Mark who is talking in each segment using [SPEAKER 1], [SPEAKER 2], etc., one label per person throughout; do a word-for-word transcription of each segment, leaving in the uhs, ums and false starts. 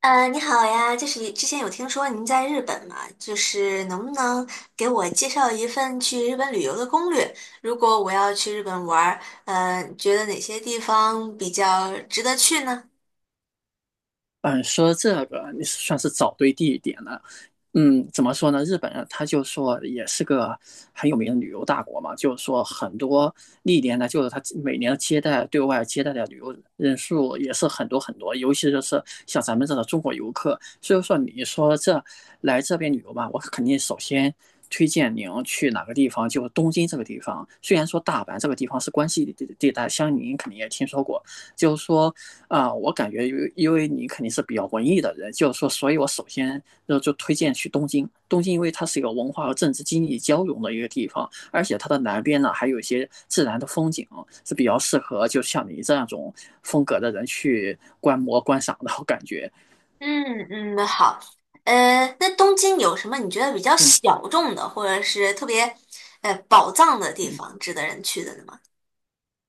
[SPEAKER 1] 呃，你好呀，就是之前有听说您在日本嘛，就是能不能给我介绍一份去日本旅游的攻略？如果我要去日本玩儿，呃，觉得哪些地方比较值得去呢？
[SPEAKER 2] 嗯，说这个你算是找对地点了。嗯，怎么说呢？日本人他就说也是个很有名的旅游大国嘛，就是说很多历年呢，就是他每年接待对外接待的旅游人数也是很多很多，尤其就是像咱们这种中国游客。所以说，你说这来这边旅游嘛，我肯定首先推荐您去哪个地方，就是东京这个地方。虽然说大阪这个地方是关西地地带，相信您肯定也听说过，就是说啊、呃我感觉因为因为你肯定是比较文艺的人，就是说，所以我首先就就推荐去东京。东京因为它是一个文化和政治经济交融的一个地方，而且它的南边呢还有一些自然的风景，是比较适合就像你这样种风格的人去观摩观赏的，我感觉。
[SPEAKER 1] 嗯嗯，好。呃，那东京有什么你觉得比较
[SPEAKER 2] 嗯
[SPEAKER 1] 小众的，或者是特别呃宝藏的地
[SPEAKER 2] 嗯。
[SPEAKER 1] 方，值得人去的呢吗？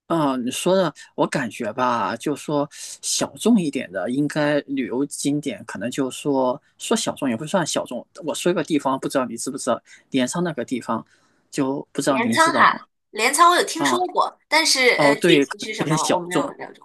[SPEAKER 2] 啊，你说的我感觉吧，就说小众一点的，应该旅游景点可能就说说小众也不算小众。我说一个地方，不知道你知不知道，镰仓那个地方，就不知道
[SPEAKER 1] 镰
[SPEAKER 2] 您
[SPEAKER 1] 仓
[SPEAKER 2] 知道吗？
[SPEAKER 1] 哈，镰仓我有听说
[SPEAKER 2] 啊，
[SPEAKER 1] 过，但是
[SPEAKER 2] 哦，
[SPEAKER 1] 呃，具
[SPEAKER 2] 对，
[SPEAKER 1] 体
[SPEAKER 2] 可能
[SPEAKER 1] 是
[SPEAKER 2] 有
[SPEAKER 1] 什么
[SPEAKER 2] 点
[SPEAKER 1] 我
[SPEAKER 2] 小
[SPEAKER 1] 没有
[SPEAKER 2] 众。
[SPEAKER 1] 了解。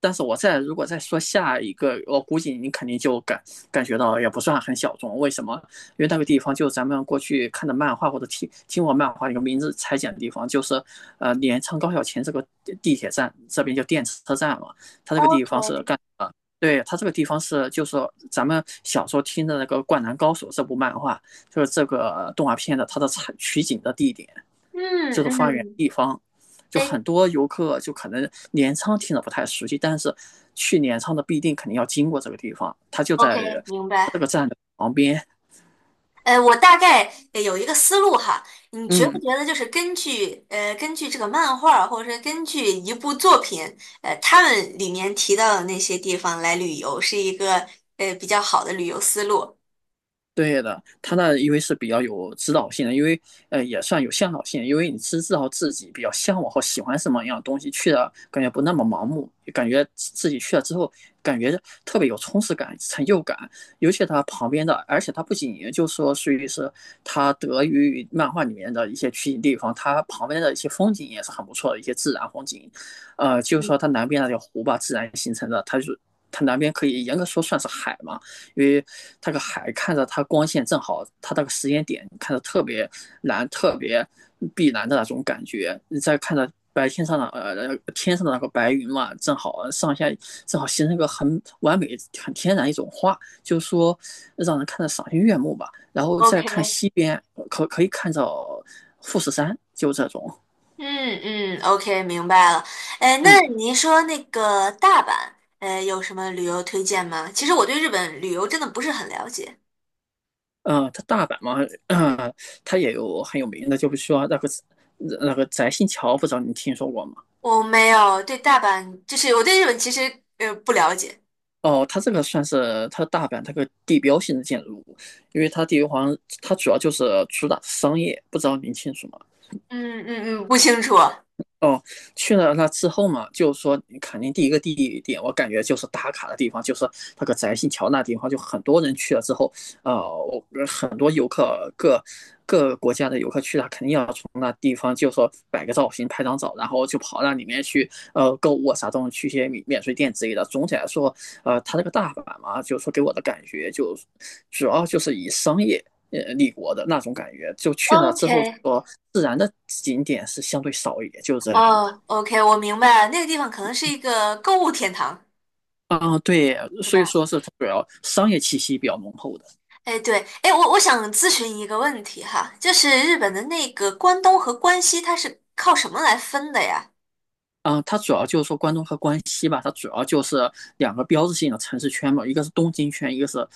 [SPEAKER 2] 但是我再如果再说下一个，我估计你肯定就感感觉到也不算很小众。为什么？因为那个地方就是咱们过去看的漫画或者听听过漫画一个名字裁剪的地方，就是呃镰仓高校琴这个地铁站，这边叫电车站嘛。它这个地方是
[SPEAKER 1] OK，
[SPEAKER 2] 干的，对，它这个地方是就是咱们小时候听的那个《灌篮高手》这部漫画，就是这个呃动画片的它的采取景的地点，就
[SPEAKER 1] 嗯
[SPEAKER 2] 是发源
[SPEAKER 1] 嗯，
[SPEAKER 2] 地方。就
[SPEAKER 1] 哎，
[SPEAKER 2] 很多游客就可能镰仓听着不太熟悉，但是去镰仓的必定肯定要经过这个地方，它就在
[SPEAKER 1] OK，明
[SPEAKER 2] 这
[SPEAKER 1] 白。
[SPEAKER 2] 个站的旁边。
[SPEAKER 1] 呃，我大概呃有一个思路哈，你觉不
[SPEAKER 2] 嗯，
[SPEAKER 1] 觉得就是根据呃根据这个漫画儿，或者是根据一部作品，呃，他们里面提到的那些地方来旅游，是一个呃比较好的旅游思路？
[SPEAKER 2] 对的，他那因为是比较有指导性的，因为呃也算有向导性，因为你是知道自己比较向往和喜欢什么样的东西，去了感觉不那么盲目，感觉自己去了之后感觉特别有充实感、成就感。尤其他旁边的，而且他不仅就说属于是他得益于漫画里面的一些取景地方，他旁边的一些风景也是很不错的一些自然风景，呃，就是
[SPEAKER 1] 嗯
[SPEAKER 2] 说它南边那条湖吧，自然形成的，它就它南边可以严格说算是海嘛。因为那个海看着它光线正好，它那个时间点看着特别蓝、特别碧蓝的那种感觉。你再看着白天上的呃天上的那个白云嘛，正好上下正好形成一个很完美、很天然一种花，就是说让人看着赏心悦目吧。然后再看
[SPEAKER 1] ，OK，
[SPEAKER 2] 西边，可可以看到富士山，就这种。
[SPEAKER 1] 嗯嗯，OK，明白了。呃，那
[SPEAKER 2] 嗯，
[SPEAKER 1] 您说那个大阪，呃，有什么旅游推荐吗？其实我对日本旅游真的不是很了解，
[SPEAKER 2] 呃，它大阪嘛，呃它也有很有名的，就是说那个那个翟新桥，不知道你听说过吗？
[SPEAKER 1] 我没有对大阪，就是我对日本其实呃不了解。
[SPEAKER 2] 哦，它这个算是它大阪它个地标性的建筑物，因为它地好像它主要就是主打商业，不知道您清楚吗？
[SPEAKER 1] 嗯嗯嗯，不清楚。
[SPEAKER 2] 哦，去了那之后嘛，就是说肯定第一个地点，我感觉就是打卡的地方，就是那个宅心桥那地方，就很多人去了之后，呃，我很多游客各各国家的游客去了，肯定要从那地方就说摆个造型、拍张照，然后就跑到里面去，呃，购物啊啥东西，去一些免免税店之类的。总体来说，呃，它这个大阪嘛，就是说给我的感觉就主要就是以商业呃立国的那种感觉，就去了之后就
[SPEAKER 1] OK，
[SPEAKER 2] 说自然的景点是相对少一点，就是这样的。
[SPEAKER 1] 哦，OK，我明白了，那个地方可能是一个购物天堂，
[SPEAKER 2] 啊、对，
[SPEAKER 1] 是
[SPEAKER 2] 所以
[SPEAKER 1] 吧？
[SPEAKER 2] 说是主要商业气息比较浓厚的。
[SPEAKER 1] 哎，对，哎，我我想咨询一个问题哈，就是日本的那个关东和关西，它是靠什么来分的呀
[SPEAKER 2] 嗯，它主要就是说关东和关西吧，它主要就是两个标志性的城市圈嘛，一个是东京圈，一个是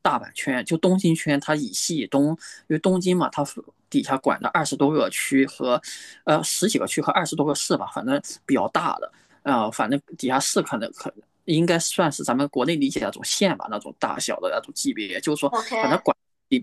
[SPEAKER 2] 大阪圈。就东京圈，它以西以东，因为东京嘛，它底下管的二十多个区和，呃，十几个区和二十多个市吧，反正比较大的。呃，反正底下市可能可应该算是咱们国内理解的那种县吧，那种大小的那种级别，就是说，反
[SPEAKER 1] ？OK，
[SPEAKER 2] 正管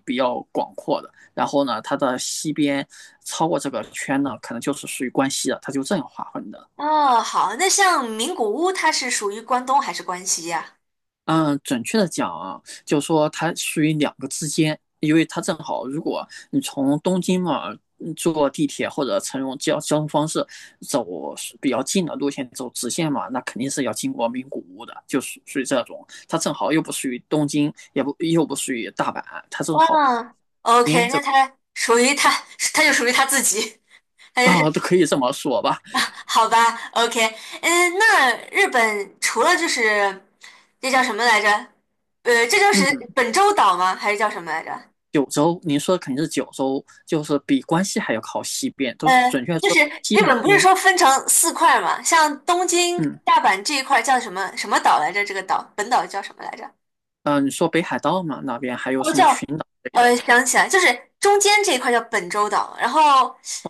[SPEAKER 2] 比较广阔的。然后呢，它的西边超过这个圈呢，可能就是属于关西了，它就这样划分的。
[SPEAKER 1] 哦，好，那像名古屋，它是属于关东还是关西呀？
[SPEAKER 2] 嗯，准确的讲啊，就说它属于两个之间，因为它正好，如果你从东京嘛嗯坐地铁或者乘用交交通方式走比较近的路线走直线嘛，那肯定是要经过名古屋的，就属属于这种。它正好又不属于东京，也不又不属于大阪，它正好
[SPEAKER 1] 哇，
[SPEAKER 2] 边
[SPEAKER 1] ？OK，
[SPEAKER 2] 这
[SPEAKER 1] 那它属于它，它就属于它自己，它就
[SPEAKER 2] 啊、
[SPEAKER 1] 是
[SPEAKER 2] 都可以这么说吧。
[SPEAKER 1] 好吧，OK，嗯，那日本除了就是这叫什么来着？呃，这就是
[SPEAKER 2] 嗯，
[SPEAKER 1] 本州岛吗？还是叫什么来着？
[SPEAKER 2] 九州，您说的肯定是九州，就是比关西还要靠西边，都是
[SPEAKER 1] 呃，
[SPEAKER 2] 准确
[SPEAKER 1] 就
[SPEAKER 2] 说
[SPEAKER 1] 是
[SPEAKER 2] 是西
[SPEAKER 1] 日
[SPEAKER 2] 南
[SPEAKER 1] 本不是
[SPEAKER 2] 边。
[SPEAKER 1] 说分成四块儿吗？像东京、
[SPEAKER 2] 嗯。
[SPEAKER 1] 大阪这一块儿叫什么什么岛来着？这个岛本岛叫什么来着？
[SPEAKER 2] 嗯、呃你说北海道嘛，那边还有
[SPEAKER 1] 哦，
[SPEAKER 2] 什么群
[SPEAKER 1] 叫
[SPEAKER 2] 岛类
[SPEAKER 1] 呃，
[SPEAKER 2] 的？
[SPEAKER 1] 想起来，就是中间这一块叫本州岛，然后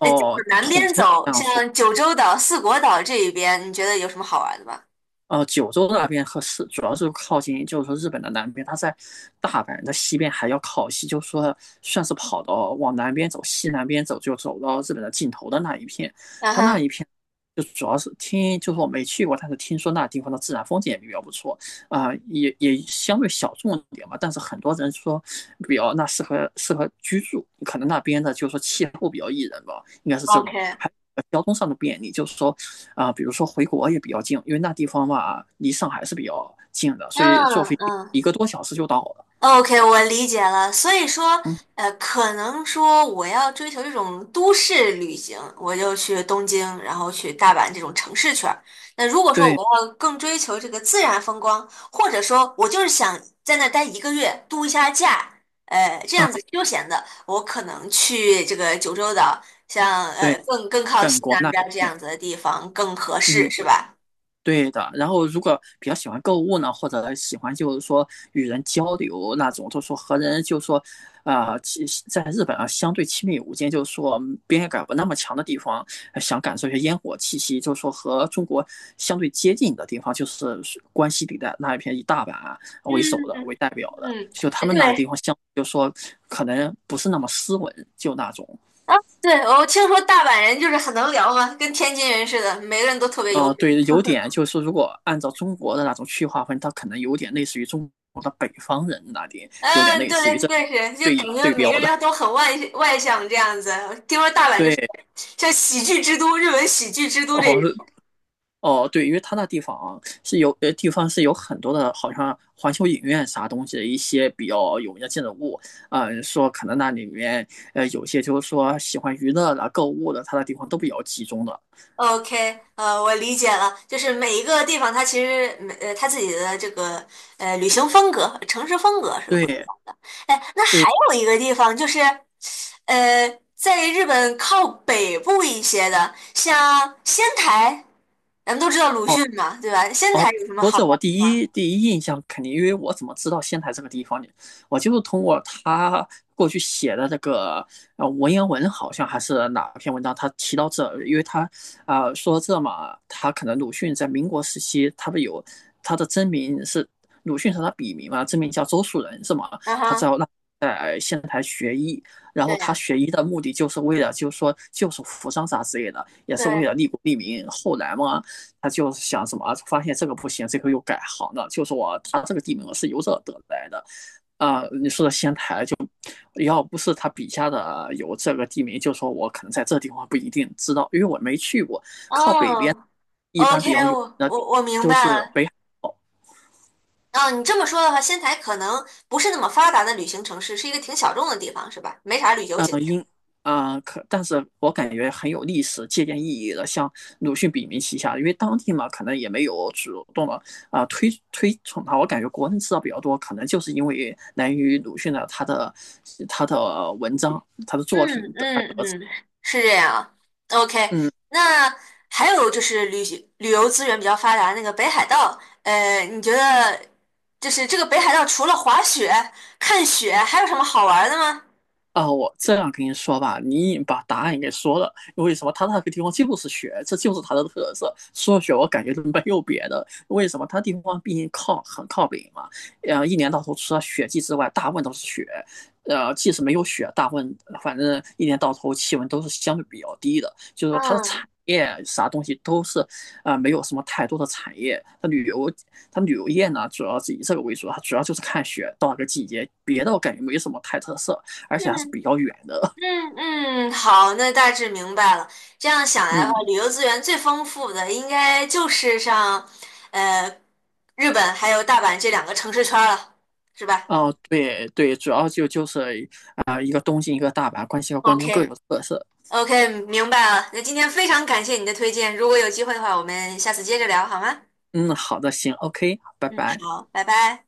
[SPEAKER 1] 呃，再往南
[SPEAKER 2] 统
[SPEAKER 1] 边
[SPEAKER 2] 称
[SPEAKER 1] 走，
[SPEAKER 2] 这样说。
[SPEAKER 1] 像九州岛、四国岛这一边，你觉得有什么好玩的吧？
[SPEAKER 2] 呃，九州那边和是主要是靠近，就是说日本的南边，它在大阪的西边还要靠西，就是说算是跑到往南边走，西南边走就走到日本的尽头的那一片。
[SPEAKER 1] 嗯
[SPEAKER 2] 它那一
[SPEAKER 1] 哼
[SPEAKER 2] 片就主要是听，就是我没去过，但是听说那地方的自然风景也比较不错，啊、也也相对小众一点吧。但是很多人说比较那适合适合居住，可能那边的就是说气候比较宜人吧，应该是这种。
[SPEAKER 1] ，OK，
[SPEAKER 2] 还交通上的便利，就是说啊，比如说回国也比较近，因为那地方嘛离上海是比较近的，所以坐
[SPEAKER 1] 嗯
[SPEAKER 2] 飞机
[SPEAKER 1] 嗯。
[SPEAKER 2] 一个多小时就到了。
[SPEAKER 1] OK，我理解了。所以说，
[SPEAKER 2] 嗯，
[SPEAKER 1] 呃，可能说我要追求这种都市旅行，我就去东京，然后去大阪这种城市圈儿。那如果说我
[SPEAKER 2] 对，
[SPEAKER 1] 要更追求这个自然风光，或者说我就是想在那儿待一个月，度一下假，呃，这
[SPEAKER 2] 嗯，
[SPEAKER 1] 样子休闲的，我可能去这个九州岛，像呃
[SPEAKER 2] 对，
[SPEAKER 1] 更更靠
[SPEAKER 2] 本
[SPEAKER 1] 西
[SPEAKER 2] 国
[SPEAKER 1] 南
[SPEAKER 2] 那
[SPEAKER 1] 边儿这
[SPEAKER 2] 边，
[SPEAKER 1] 样子的地方更合适，
[SPEAKER 2] 嗯。
[SPEAKER 1] 是吧？
[SPEAKER 2] 对的，然后如果比较喜欢购物呢，或者喜欢就是说与人交流那种，就说和人就说，啊、其在日本啊相对亲密无间，就是说边界感不那么强的地方，呃想感受一下烟火气息，就是说和中国相对接近的地方，就是关西地带那一片以大阪啊
[SPEAKER 1] 嗯
[SPEAKER 2] 为首的为代表的，
[SPEAKER 1] 嗯，
[SPEAKER 2] 就他们那个地
[SPEAKER 1] 对，
[SPEAKER 2] 方相，就说可能不是那么斯文，就那种，
[SPEAKER 1] 啊，对，我听说大阪人就是很能聊嘛，跟天津人似的，每个人都特别有
[SPEAKER 2] 呃，
[SPEAKER 1] 梗。
[SPEAKER 2] 对，有点就是如果按照中国的那种区划分，它可能有点类似于中国的北方人那里，有点
[SPEAKER 1] 嗯，
[SPEAKER 2] 类似于
[SPEAKER 1] 对，
[SPEAKER 2] 这
[SPEAKER 1] 对是，就感
[SPEAKER 2] 对
[SPEAKER 1] 觉
[SPEAKER 2] 对
[SPEAKER 1] 每
[SPEAKER 2] 标
[SPEAKER 1] 个人
[SPEAKER 2] 的。
[SPEAKER 1] 都很外外向这样子。听说大阪就是
[SPEAKER 2] 对，
[SPEAKER 1] 像喜剧之都，日本喜剧之都这
[SPEAKER 2] 哦，
[SPEAKER 1] 种。
[SPEAKER 2] 哦，对，因为它那地方是有呃地方是有很多的，好像环球影院啥东西的一些比较有名的建筑物，啊，说可能那里面呃有些就是说喜欢娱乐的、购物的，它那地方都比较集中的。
[SPEAKER 1] OK，呃，我理解了，就是每一个地方它其实每呃它自己的这个呃旅行风格、城市风格是不一样
[SPEAKER 2] 对
[SPEAKER 1] 的。哎，那还
[SPEAKER 2] 对，
[SPEAKER 1] 有一个地方就是，呃，在日本靠北部一些的，像仙台，咱们都知道鲁
[SPEAKER 2] 哦。
[SPEAKER 1] 迅嘛，对吧？仙台
[SPEAKER 2] 哦，
[SPEAKER 1] 有什么
[SPEAKER 2] 说
[SPEAKER 1] 好
[SPEAKER 2] 这我
[SPEAKER 1] 玩的
[SPEAKER 2] 第
[SPEAKER 1] 吗？
[SPEAKER 2] 一第一印象肯定，因为我怎么知道仙台这个地方呢？我就是通过他过去写的这个呃文言文，好像还是哪篇文章，他提到这，因为他啊、呃说这嘛，他可能鲁迅在民国时期，他不有他的真名是鲁迅是他笔名嘛，真名叫周树人是吗？
[SPEAKER 1] 嗯
[SPEAKER 2] 他在
[SPEAKER 1] 哼，
[SPEAKER 2] 然
[SPEAKER 1] 对
[SPEAKER 2] 后他
[SPEAKER 1] 呀，
[SPEAKER 2] 学医的目的就是为了，就是说救赎扶桑啥之类的，也是为
[SPEAKER 1] 对，
[SPEAKER 2] 了利国利民。后来嘛，他就想什么，发现这个不行，这个又改行了，就是我，他这个地名是由这得来的，要不是他笔下的有这个地名，就说我可能在这地方不一定知道，因为我没去过。靠北边
[SPEAKER 1] 哦
[SPEAKER 2] 一般
[SPEAKER 1] ，OK，
[SPEAKER 2] 比较有
[SPEAKER 1] 我
[SPEAKER 2] 名的
[SPEAKER 1] 我我明白
[SPEAKER 2] 就是
[SPEAKER 1] 了。
[SPEAKER 2] 北海，
[SPEAKER 1] 哦，你这么说的话，仙台可能不是那么发达的旅行城市，是一个挺小众的地方，是吧？没啥旅游景点。
[SPEAKER 2] 啊、呃可但是我感觉很有历史借鉴意义的，像鲁迅笔名旗下，因为当地嘛，可能也没有主动的啊、呃推推崇它。我感觉国人知道比较多，可能就是因为来源于鲁迅的他的他的文章、他的作
[SPEAKER 1] 嗯
[SPEAKER 2] 品的。
[SPEAKER 1] 嗯嗯，是这样。OK，
[SPEAKER 2] 嗯。
[SPEAKER 1] 那还有就是旅旅游资源比较发达那个北海道，呃，你觉得就是这个北海道除了滑雪、看雪，还有什么好玩的吗？
[SPEAKER 2] 啊，我这样跟你说吧，你已经把答案给说了。为什么他那个地方就是雪，这就是它的特色。说雪，学，我感觉都没有别的。为什么他地方毕竟靠很靠北嘛，呃，一年到头除了雪季之外，大部分都是雪。呃，即使没有雪，大部分反正一年到头气温都是相对比较低的，就是说它的产
[SPEAKER 1] 嗯
[SPEAKER 2] 业啥东西都是啊、呃没有什么太多的产业。它旅游，它旅游业呢，主要是以这个为主，它主要就是看雪到哪个季节，别的我感觉没什么太特色。而且还是
[SPEAKER 1] 嗯
[SPEAKER 2] 比较远的。
[SPEAKER 1] 嗯嗯，好，那大致明白了。这样想来的话，
[SPEAKER 2] 嗯，
[SPEAKER 1] 旅游资源最丰富的应该就是像呃日本还有大阪这两个城市圈儿了，是吧
[SPEAKER 2] 哦，对对，主要就就是啊、呃一个东京，一个大阪，关西和关东各
[SPEAKER 1] ？OK，
[SPEAKER 2] 有特色。
[SPEAKER 1] OK，明白了。那今天非常感谢你的推荐，如果有机会的话，我们下次接着聊好吗？
[SPEAKER 2] 嗯，好的，行，OK，拜
[SPEAKER 1] 嗯，
[SPEAKER 2] 拜。
[SPEAKER 1] 好，拜拜。